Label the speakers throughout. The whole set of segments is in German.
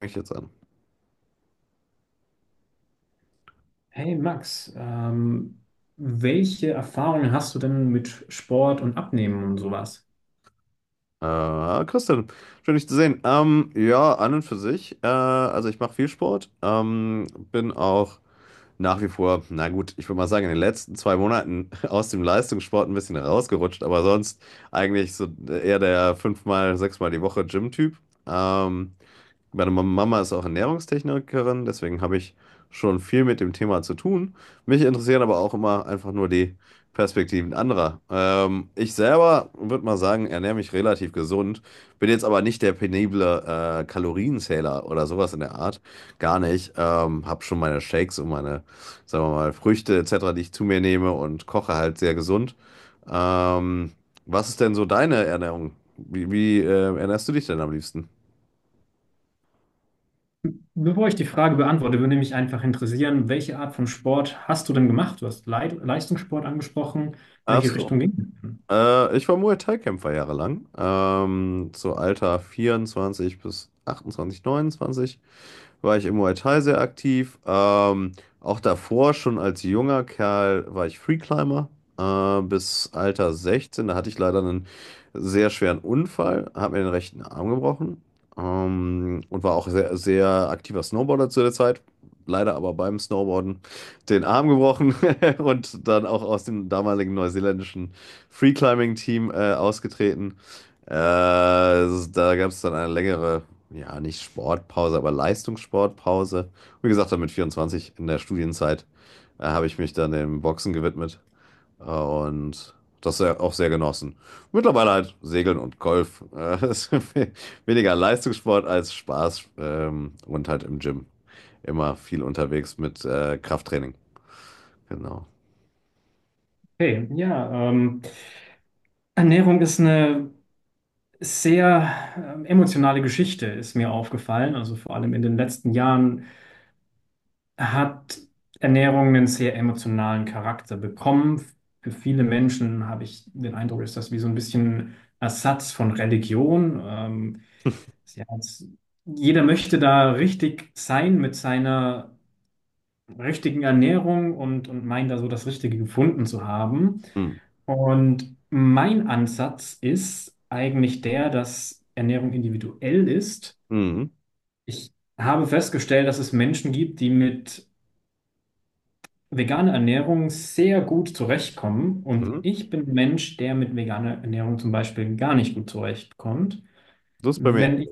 Speaker 1: Fange ich jetzt an.
Speaker 2: Hey Max, welche Erfahrungen hast du denn mit Sport und Abnehmen und sowas?
Speaker 1: Christian, schön dich zu sehen. Ja, an und für sich. Also ich mache viel Sport. Bin auch nach wie vor, na gut, ich würde mal sagen, in den letzten 2 Monaten aus dem Leistungssport ein bisschen rausgerutscht, aber sonst eigentlich so eher der fünfmal, sechsmal die Woche Gym-Typ. Ähm, Meine Mama ist auch Ernährungstechnikerin, deswegen habe ich schon viel mit dem Thema zu tun. Mich interessieren aber auch immer einfach nur die Perspektiven anderer. Ich selber würde mal sagen, ernähre mich relativ gesund, bin jetzt aber nicht der penible Kalorienzähler oder sowas in der Art. Gar nicht. Habe schon meine Shakes und meine, sagen wir mal, Früchte etc., die ich zu mir nehme, und koche halt sehr gesund. Ähm, Was ist denn so deine Ernährung? Wie ernährst du dich denn am liebsten?
Speaker 2: Bevor ich die Frage beantworte, würde mich einfach interessieren, welche Art von Sport hast du denn gemacht? Du hast Leistungssport angesprochen.
Speaker 1: Ach
Speaker 2: Welche
Speaker 1: so.
Speaker 2: Richtung ging es denn?
Speaker 1: Ich war Muay Thai-Kämpfer jahrelang. So Alter 24 bis 28, 29 war ich im Muay Thai sehr aktiv. Auch davor, schon als junger Kerl, war ich Freeclimber bis Alter 16. Da hatte ich leider einen sehr schweren Unfall, habe mir den rechten Arm gebrochen und war auch sehr, sehr aktiver Snowboarder zu der Zeit. Leider aber beim Snowboarden den Arm gebrochen und dann auch aus dem damaligen neuseeländischen Freeclimbing-Team ausgetreten. Da gab es dann eine längere, ja, nicht Sportpause, aber Leistungssportpause. Wie gesagt, dann mit 24 in der Studienzeit habe ich mich dann dem Boxen gewidmet und das auch sehr genossen. Mittlerweile halt Segeln und Golf. Das ist weniger Leistungssport als Spaß und halt im Gym. Immer viel unterwegs mit Krafttraining. Genau.
Speaker 2: Okay, ja, Ernährung ist eine sehr emotionale Geschichte, ist mir aufgefallen. Also vor allem in den letzten Jahren hat Ernährung einen sehr emotionalen Charakter bekommen. Für viele Menschen, habe ich den Eindruck, ist das wie so ein bisschen Ersatz von Religion. Sie hat's- Jeder möchte da richtig sein mit seiner richtigen Ernährung und meint da so das Richtige gefunden zu haben.
Speaker 1: Mhm.
Speaker 2: Und mein Ansatz ist eigentlich der, dass Ernährung individuell ist.
Speaker 1: Mhm.
Speaker 2: Ich habe festgestellt, dass es Menschen gibt, die mit vegane Ernährung sehr gut zurechtkommen. Und
Speaker 1: Mhm.
Speaker 2: ich bin ein Mensch, der mit veganer Ernährung zum Beispiel gar nicht gut zurechtkommt.
Speaker 1: Das ist bei mir.
Speaker 2: Wenn ich,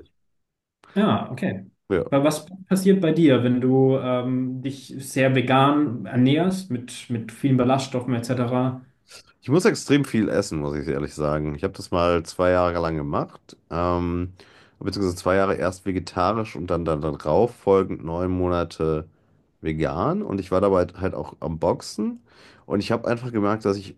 Speaker 2: ja, okay.
Speaker 1: Ja.
Speaker 2: Weil was passiert bei dir, wenn du dich sehr vegan ernährst, mit vielen Ballaststoffen etc.?
Speaker 1: Ich muss extrem viel essen, muss ich ehrlich sagen. Ich habe das mal 2 Jahre lang gemacht, beziehungsweise 2 Jahre erst vegetarisch und dann darauf folgend 9 Monate vegan. Und ich war dabei halt auch am Boxen. Und ich habe einfach gemerkt, dass ich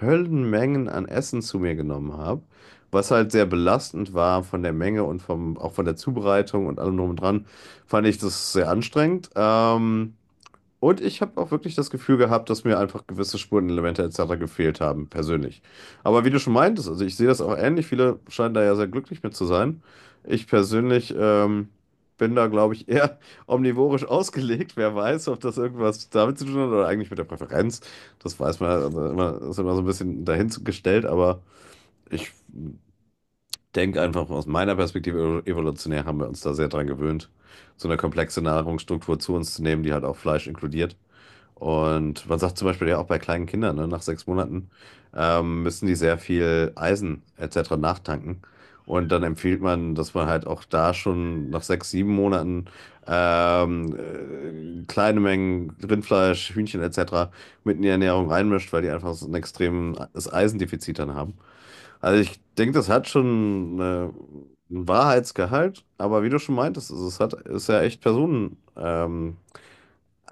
Speaker 1: Höllenmengen an Essen zu mir genommen habe, was halt sehr belastend war von der Menge und vom, auch von der Zubereitung und allem drum und dran. Fand ich das sehr anstrengend. Und ich habe auch wirklich das Gefühl gehabt, dass mir einfach gewisse Spurenelemente etc. gefehlt haben, persönlich. Aber wie du schon meintest, also ich sehe das auch ähnlich, viele scheinen da ja sehr glücklich mit zu sein. Ich persönlich bin da, glaube ich, eher omnivorisch ausgelegt. Wer weiß, ob das irgendwas damit zu tun hat oder eigentlich mit der Präferenz. Das weiß man halt, also immer, ist immer so ein bisschen dahingestellt, aber ich denke einfach aus meiner Perspektive evolutionär haben wir uns da sehr dran gewöhnt, so eine komplexe Nahrungsstruktur zu uns zu nehmen, die halt auch Fleisch inkludiert. Und man sagt zum Beispiel ja auch bei kleinen Kindern, ne, nach 6 Monaten müssen die sehr viel Eisen etc. nachtanken. Und dann empfiehlt man, dass man halt auch da schon nach 6, 7 Monaten kleine Mengen Rindfleisch, Hühnchen etc. mit in die Ernährung reinmischt, weil die einfach so ein extremes Eisendefizit dann haben. Also ich denke, das hat schon einen Wahrheitsgehalt, aber wie du schon meintest, es hat, ist ja echt Personen,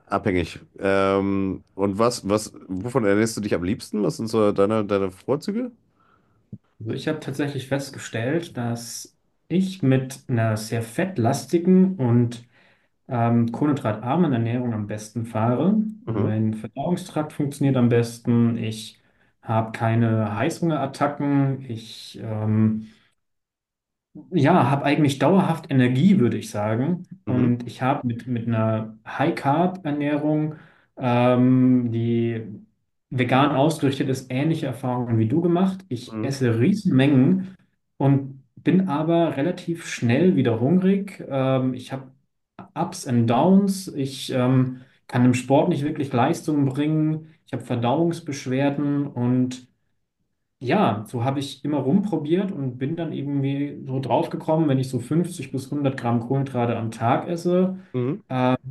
Speaker 1: abhängig. Und wovon ernährst du dich am liebsten? Was sind so deine, deine Vorzüge?
Speaker 2: Also ich habe tatsächlich festgestellt, dass ich mit einer sehr fettlastigen und kohlenhydratarmen Ernährung am besten fahre.
Speaker 1: Mhm.
Speaker 2: Mein Verdauungstrakt funktioniert am besten. Ich habe keine Heißhungerattacken. Ich Ja, habe eigentlich dauerhaft Energie, würde ich sagen.
Speaker 1: Mhm.
Speaker 2: Und ich habe mit einer High-Carb-Ernährung, die vegan ausgerichtet ist, ähnliche Erfahrungen wie du gemacht. Ich
Speaker 1: Mhm.
Speaker 2: esse Riesenmengen und bin aber relativ schnell wieder hungrig. Ich habe Ups and Downs. Ich Kann im Sport nicht wirklich Leistung bringen. Ich habe Verdauungsbeschwerden und ja, so habe ich immer rumprobiert und bin dann irgendwie so draufgekommen, wenn ich so 50 bis 100 Gramm Kohlenhydrate am Tag esse,
Speaker 1: Mhm.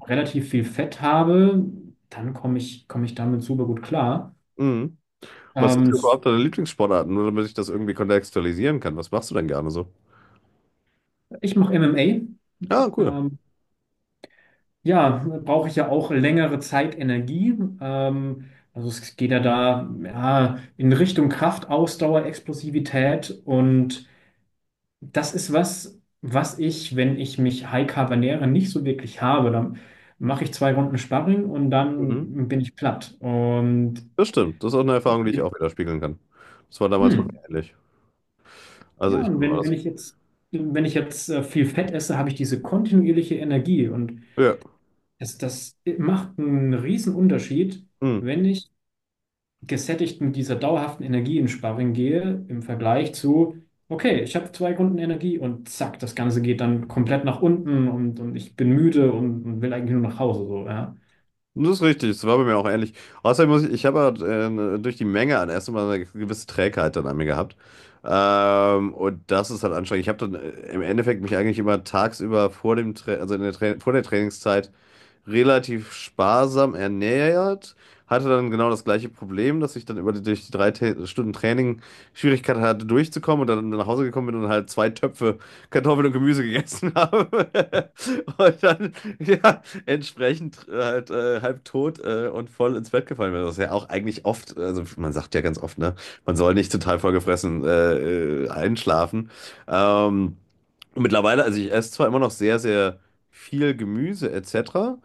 Speaker 2: relativ viel Fett habe, dann komme ich damit super gut klar.
Speaker 1: Mhm. Was sind
Speaker 2: Ähm,
Speaker 1: denn überhaupt deine Lieblingssportarten? Nur damit ich das irgendwie kontextualisieren kann. Was machst du denn gerne so?
Speaker 2: ich mache
Speaker 1: Ah, cool.
Speaker 2: MMA. Ähm, ja, brauche ich ja auch längere Zeit Energie. Ähm, also es geht ja da, in Richtung Kraft, Ausdauer, Explosivität und das ist was, was ich, wenn ich mich High-Carb ernähre, nicht so wirklich habe. Dann mache ich zwei Runden Sparring und
Speaker 1: Mhm.
Speaker 2: dann bin ich platt. Und
Speaker 1: Das stimmt. Das ist auch eine Erfahrung, die ich auch wieder spiegeln kann. Das war damals bei
Speaker 2: hm,
Speaker 1: mir ähnlich. Also
Speaker 2: ja,
Speaker 1: ich
Speaker 2: und
Speaker 1: guck mal
Speaker 2: wenn, wenn
Speaker 1: das.
Speaker 2: ich jetzt, wenn ich jetzt viel Fett esse, habe ich diese kontinuierliche Energie. Und
Speaker 1: Ja.
Speaker 2: das, das macht einen riesen Unterschied,
Speaker 1: Mhm.
Speaker 2: wenn ich gesättigt mit dieser dauerhaften Energie in Sparring gehe, im Vergleich zu, okay, ich habe zwei Runden Energie und zack, das Ganze geht dann komplett nach unten und ich bin müde und will eigentlich nur nach Hause. So, ja.
Speaker 1: Das ist richtig, das war bei mir auch ähnlich. Außerdem ich habe halt, durch die Menge an Essen mal eine gewisse Trägheit dann an mir gehabt. Und das ist halt anstrengend. Ich habe dann im Endeffekt mich eigentlich immer tagsüber vor dem Tra also in der Tra vor der Trainingszeit relativ sparsam ernährt. Hatte dann genau das gleiche Problem, dass ich dann über die, durch die drei Ta Stunden Training Schwierigkeiten hatte, durchzukommen, und dann nach Hause gekommen bin und halt zwei Töpfe Kartoffeln und Gemüse gegessen habe. Und dann, ja, entsprechend halt halb tot und voll ins Bett gefallen wäre. Das ist ja auch eigentlich oft, also man sagt ja ganz oft, ne, man soll nicht total vollgefressen einschlafen. Ähm, und mittlerweile, also ich esse zwar immer noch sehr, sehr viel Gemüse etc.,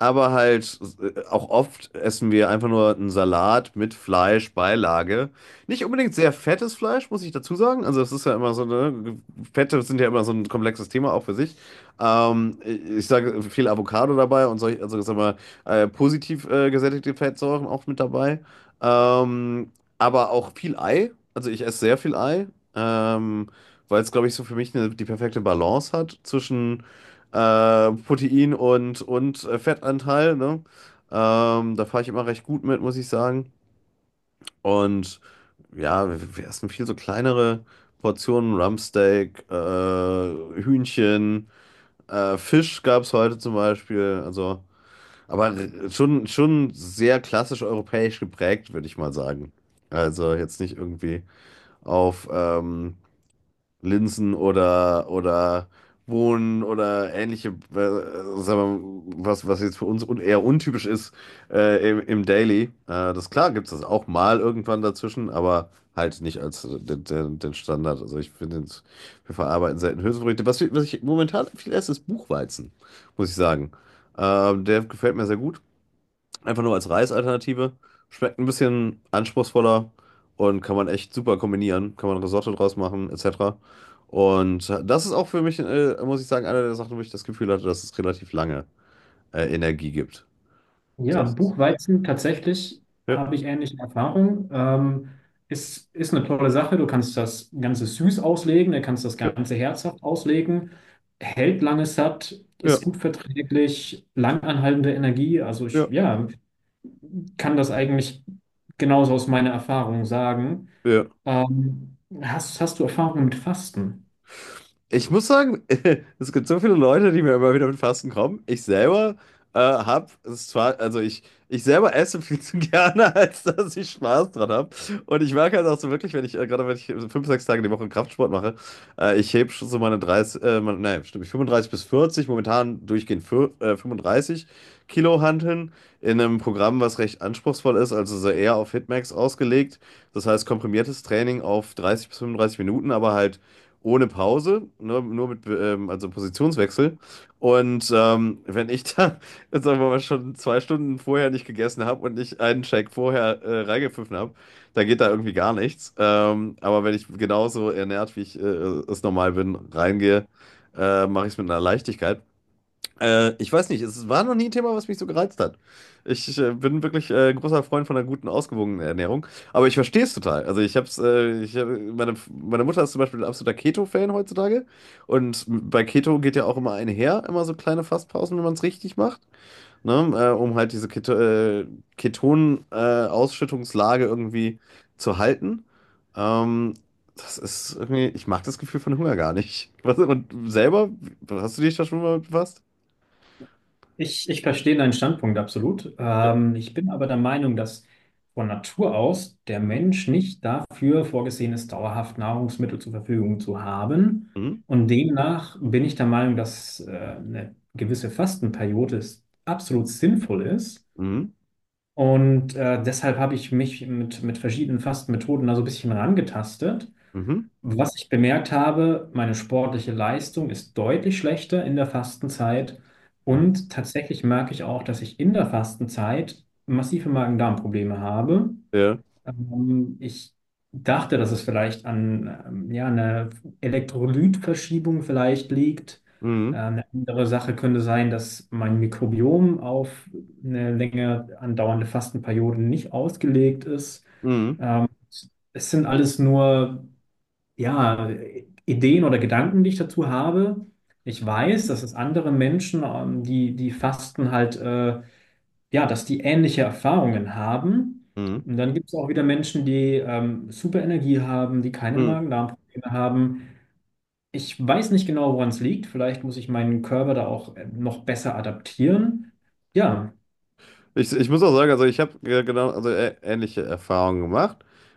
Speaker 1: aber halt auch oft essen wir einfach nur einen Salat mit Fleisch, Beilage. Nicht unbedingt sehr fettes Fleisch, muss ich dazu sagen. Also es ist ja immer so, ne, Fette sind ja immer so ein komplexes Thema auch für sich. Ich sage viel Avocado dabei und solche, also sagen wir, positiv gesättigte Fettsäuren auch mit dabei. Ähm, aber auch viel Ei. Also ich esse sehr viel Ei, ähm, weil es, glaube ich, so für mich eine, die perfekte Balance hat zwischen Protein und Fettanteil, ne? Da fahre ich immer recht gut mit, muss ich sagen. Und ja, wir essen viel so kleinere Portionen, Rumpsteak, Hühnchen. Fisch gab es heute zum Beispiel, also, aber schon, schon sehr klassisch europäisch geprägt, würde ich mal sagen. Also jetzt nicht irgendwie auf Linsen oder Bohnen oder ähnliche, sagen wir, was jetzt für uns un eher untypisch ist im Daily. Das klar gibt es das auch mal irgendwann dazwischen, aber halt nicht als den Standard. Also ich finde, wir verarbeiten selten Hülsenfrüchte. Was ich momentan viel esse, ist Buchweizen, muss ich sagen. Der gefällt mir sehr gut. Einfach nur als Reisalternative. Schmeckt ein bisschen anspruchsvoller und kann man echt super kombinieren. Kann man Risotto draus machen, etc. Und das ist auch für mich, muss ich sagen, eine der Sachen, wo ich das Gefühl hatte, dass es relativ lange Energie gibt.
Speaker 2: Ja,
Speaker 1: Das ist,
Speaker 2: Buchweizen tatsächlich,
Speaker 1: ja,
Speaker 2: habe ich ähnliche Erfahrungen. Ist, ist eine tolle Sache. Du kannst das Ganze süß auslegen, du kannst das
Speaker 1: ja,
Speaker 2: Ganze herzhaft auslegen. Hält lange satt,
Speaker 1: ja,
Speaker 2: ist gut verträglich, langanhaltende Energie. Also ich,
Speaker 1: ja,
Speaker 2: ja, kann das eigentlich genauso aus meiner Erfahrung sagen.
Speaker 1: ja.
Speaker 2: Ähm, hast, hast du Erfahrungen mit Fasten?
Speaker 1: Ich muss sagen, es gibt so viele Leute, die mir immer wieder mit Fasten kommen. Ich selber habe es zwar, also ich selber esse viel zu gerne, als dass ich Spaß dran habe. Und ich merke halt auch so wirklich, wenn ich, gerade wenn ich so fünf, sechs Tage die Woche Kraftsport mache, ich hebe schon so meine 30, meine, nein, stimmt nicht, 35 bis 40 momentan durchgehend für, 35 Kilo Hanteln in einem Programm, was recht anspruchsvoll ist, also so eher auf Hitmax ausgelegt. Das heißt komprimiertes Training auf 30 bis 35 Minuten, aber halt ohne Pause, ne, nur mit also Positionswechsel. Und wenn ich da, jetzt sagen wir mal, schon 2 Stunden vorher nicht gegessen habe und nicht einen Shake vorher reingepfiffen habe, dann geht da irgendwie gar nichts. Aber wenn ich genauso ernährt, wie ich es normal bin, reingehe, mache ich es mit einer Leichtigkeit. Ich weiß nicht, es war noch nie ein Thema, was mich so gereizt hat. Ich bin wirklich großer Freund von einer guten, ausgewogenen Ernährung, aber ich verstehe es total. Also ich hab's, meine Mutter ist zum Beispiel ein absoluter Keto-Fan heutzutage, und bei Keto geht ja auch immer einher, immer so kleine Fastpausen, wenn man es richtig macht, ne? Um halt diese Keton-Ausschüttungslage irgendwie zu halten. Ähm, Das ist irgendwie, ich mag das Gefühl von Hunger gar nicht. Was, und selber, hast du dich da schon mal befasst?
Speaker 2: Ich verstehe deinen Standpunkt absolut. Ich bin aber der Meinung, dass von Natur aus der
Speaker 1: Mhm.
Speaker 2: Mensch nicht dafür vorgesehen ist, dauerhaft Nahrungsmittel zur Verfügung zu haben.
Speaker 1: Mhm.
Speaker 2: Und demnach bin ich der Meinung, dass eine gewisse Fastenperiode ist, absolut sinnvoll ist.
Speaker 1: Mhm.
Speaker 2: Und deshalb habe ich mich mit verschiedenen Fastenmethoden da so ein bisschen rangetastet.
Speaker 1: Mhm.
Speaker 2: Was ich bemerkt habe, meine sportliche Leistung ist deutlich schlechter in der Fastenzeit.
Speaker 1: Mhm.
Speaker 2: Und tatsächlich merke ich auch, dass ich in der Fastenzeit massive Magen-Darm-Probleme habe.
Speaker 1: Ja.
Speaker 2: Ich dachte, dass es vielleicht an ja, einer Elektrolytverschiebung vielleicht liegt.
Speaker 1: Mhm.
Speaker 2: Eine andere Sache könnte sein, dass mein Mikrobiom auf eine länger andauernde Fastenperiode nicht ausgelegt ist.
Speaker 1: Mhm.
Speaker 2: Ähm, es sind alles nur ja, Ideen oder Gedanken, die ich dazu habe. Ich weiß, dass es andere Menschen, die, die fasten, halt, ja, dass die ähnliche Erfahrungen haben.
Speaker 1: Mhm.
Speaker 2: Und dann gibt es auch wieder Menschen, die super Energie haben, die keine
Speaker 1: Mhm.
Speaker 2: Magen-Darm-Probleme haben. Ich weiß nicht genau, woran es liegt. Vielleicht muss ich meinen Körper da auch noch besser adaptieren. Ja.
Speaker 1: Ich muss auch sagen, also ich habe genau, also ähnliche Erfahrungen gemacht.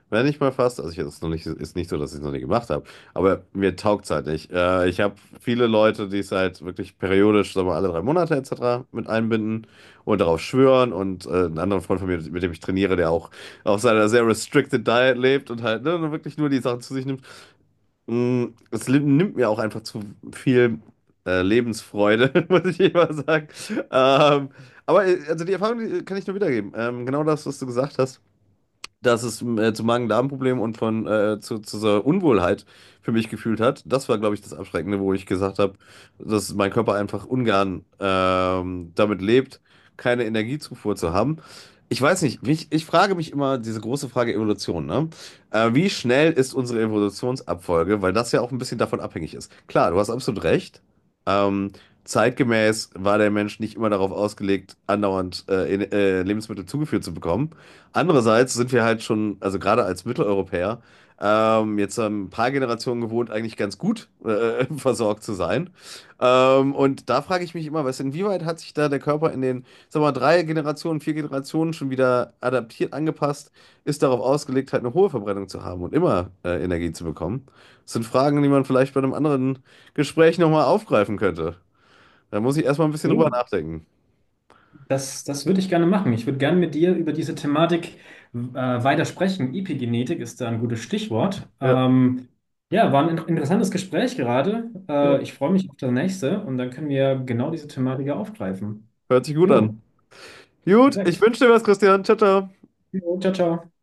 Speaker 1: Wenn ich mal fast, also ich ist noch nicht, ist nicht so, dass ich es noch nie gemacht habe, aber mir taugt es halt nicht. Ich habe viele Leute, die es halt wirklich periodisch, sagen wir mal, alle 3 Monate etc. mit einbinden und darauf schwören, und einen anderen Freund von mir, mit dem ich trainiere, der auch auf seiner sehr restricted Diet lebt und halt, ne, wirklich nur die Sachen zu sich nimmt. Es nimmt mir auch einfach zu viel Lebensfreude, muss ich immer sagen. Ähm, aber also die Erfahrung, die kann ich nur wiedergeben. Genau das, was du gesagt hast, dass es zu Magen-Darm-Problemen und von zu so Unwohlheit für mich gefühlt hat. Das war, glaube ich, das Abschreckende, wo ich gesagt habe, dass mein Körper einfach ungern damit lebt, keine Energiezufuhr zu haben. Ich weiß nicht, mich, ich frage mich immer diese große Frage Evolution, ne? Wie schnell ist unsere Evolutionsabfolge? Weil das ja auch ein bisschen davon abhängig ist. Klar, du hast absolut recht. Ähm, Zeitgemäß war der Mensch nicht immer darauf ausgelegt, andauernd Lebensmittel zugeführt zu bekommen. Andererseits sind wir halt schon, also gerade als Mitteleuropäer, jetzt ein paar Generationen gewohnt, eigentlich ganz gut versorgt zu sein. Und da frage ich mich immer, was, inwieweit hat sich da der Körper in den, sag mal, 3 Generationen, 4 Generationen schon wieder adaptiert, angepasst, ist darauf ausgelegt, halt eine hohe Verbrennung zu haben und immer Energie zu bekommen. Das sind Fragen, die man vielleicht bei einem anderen Gespräch nochmal aufgreifen könnte. Da muss ich erstmal ein bisschen
Speaker 2: Und
Speaker 1: drüber
Speaker 2: du?
Speaker 1: nachdenken.
Speaker 2: Das, das würde ich gerne machen. Ich würde gerne mit dir über diese Thematik äh, weiter sprechen. Epigenetik ist da ein gutes Stichwort.
Speaker 1: Ja,
Speaker 2: Ja, war ein interessantes Gespräch gerade.
Speaker 1: ja,
Speaker 2: Ich freue mich auf das nächste und dann können wir genau diese Thematik ja aufgreifen.
Speaker 1: hört sich gut
Speaker 2: Jo,
Speaker 1: an. Gut, ich
Speaker 2: perfekt.
Speaker 1: wünsche dir was, Christian. Ciao, ciao.
Speaker 2: Jo, ciao, ciao.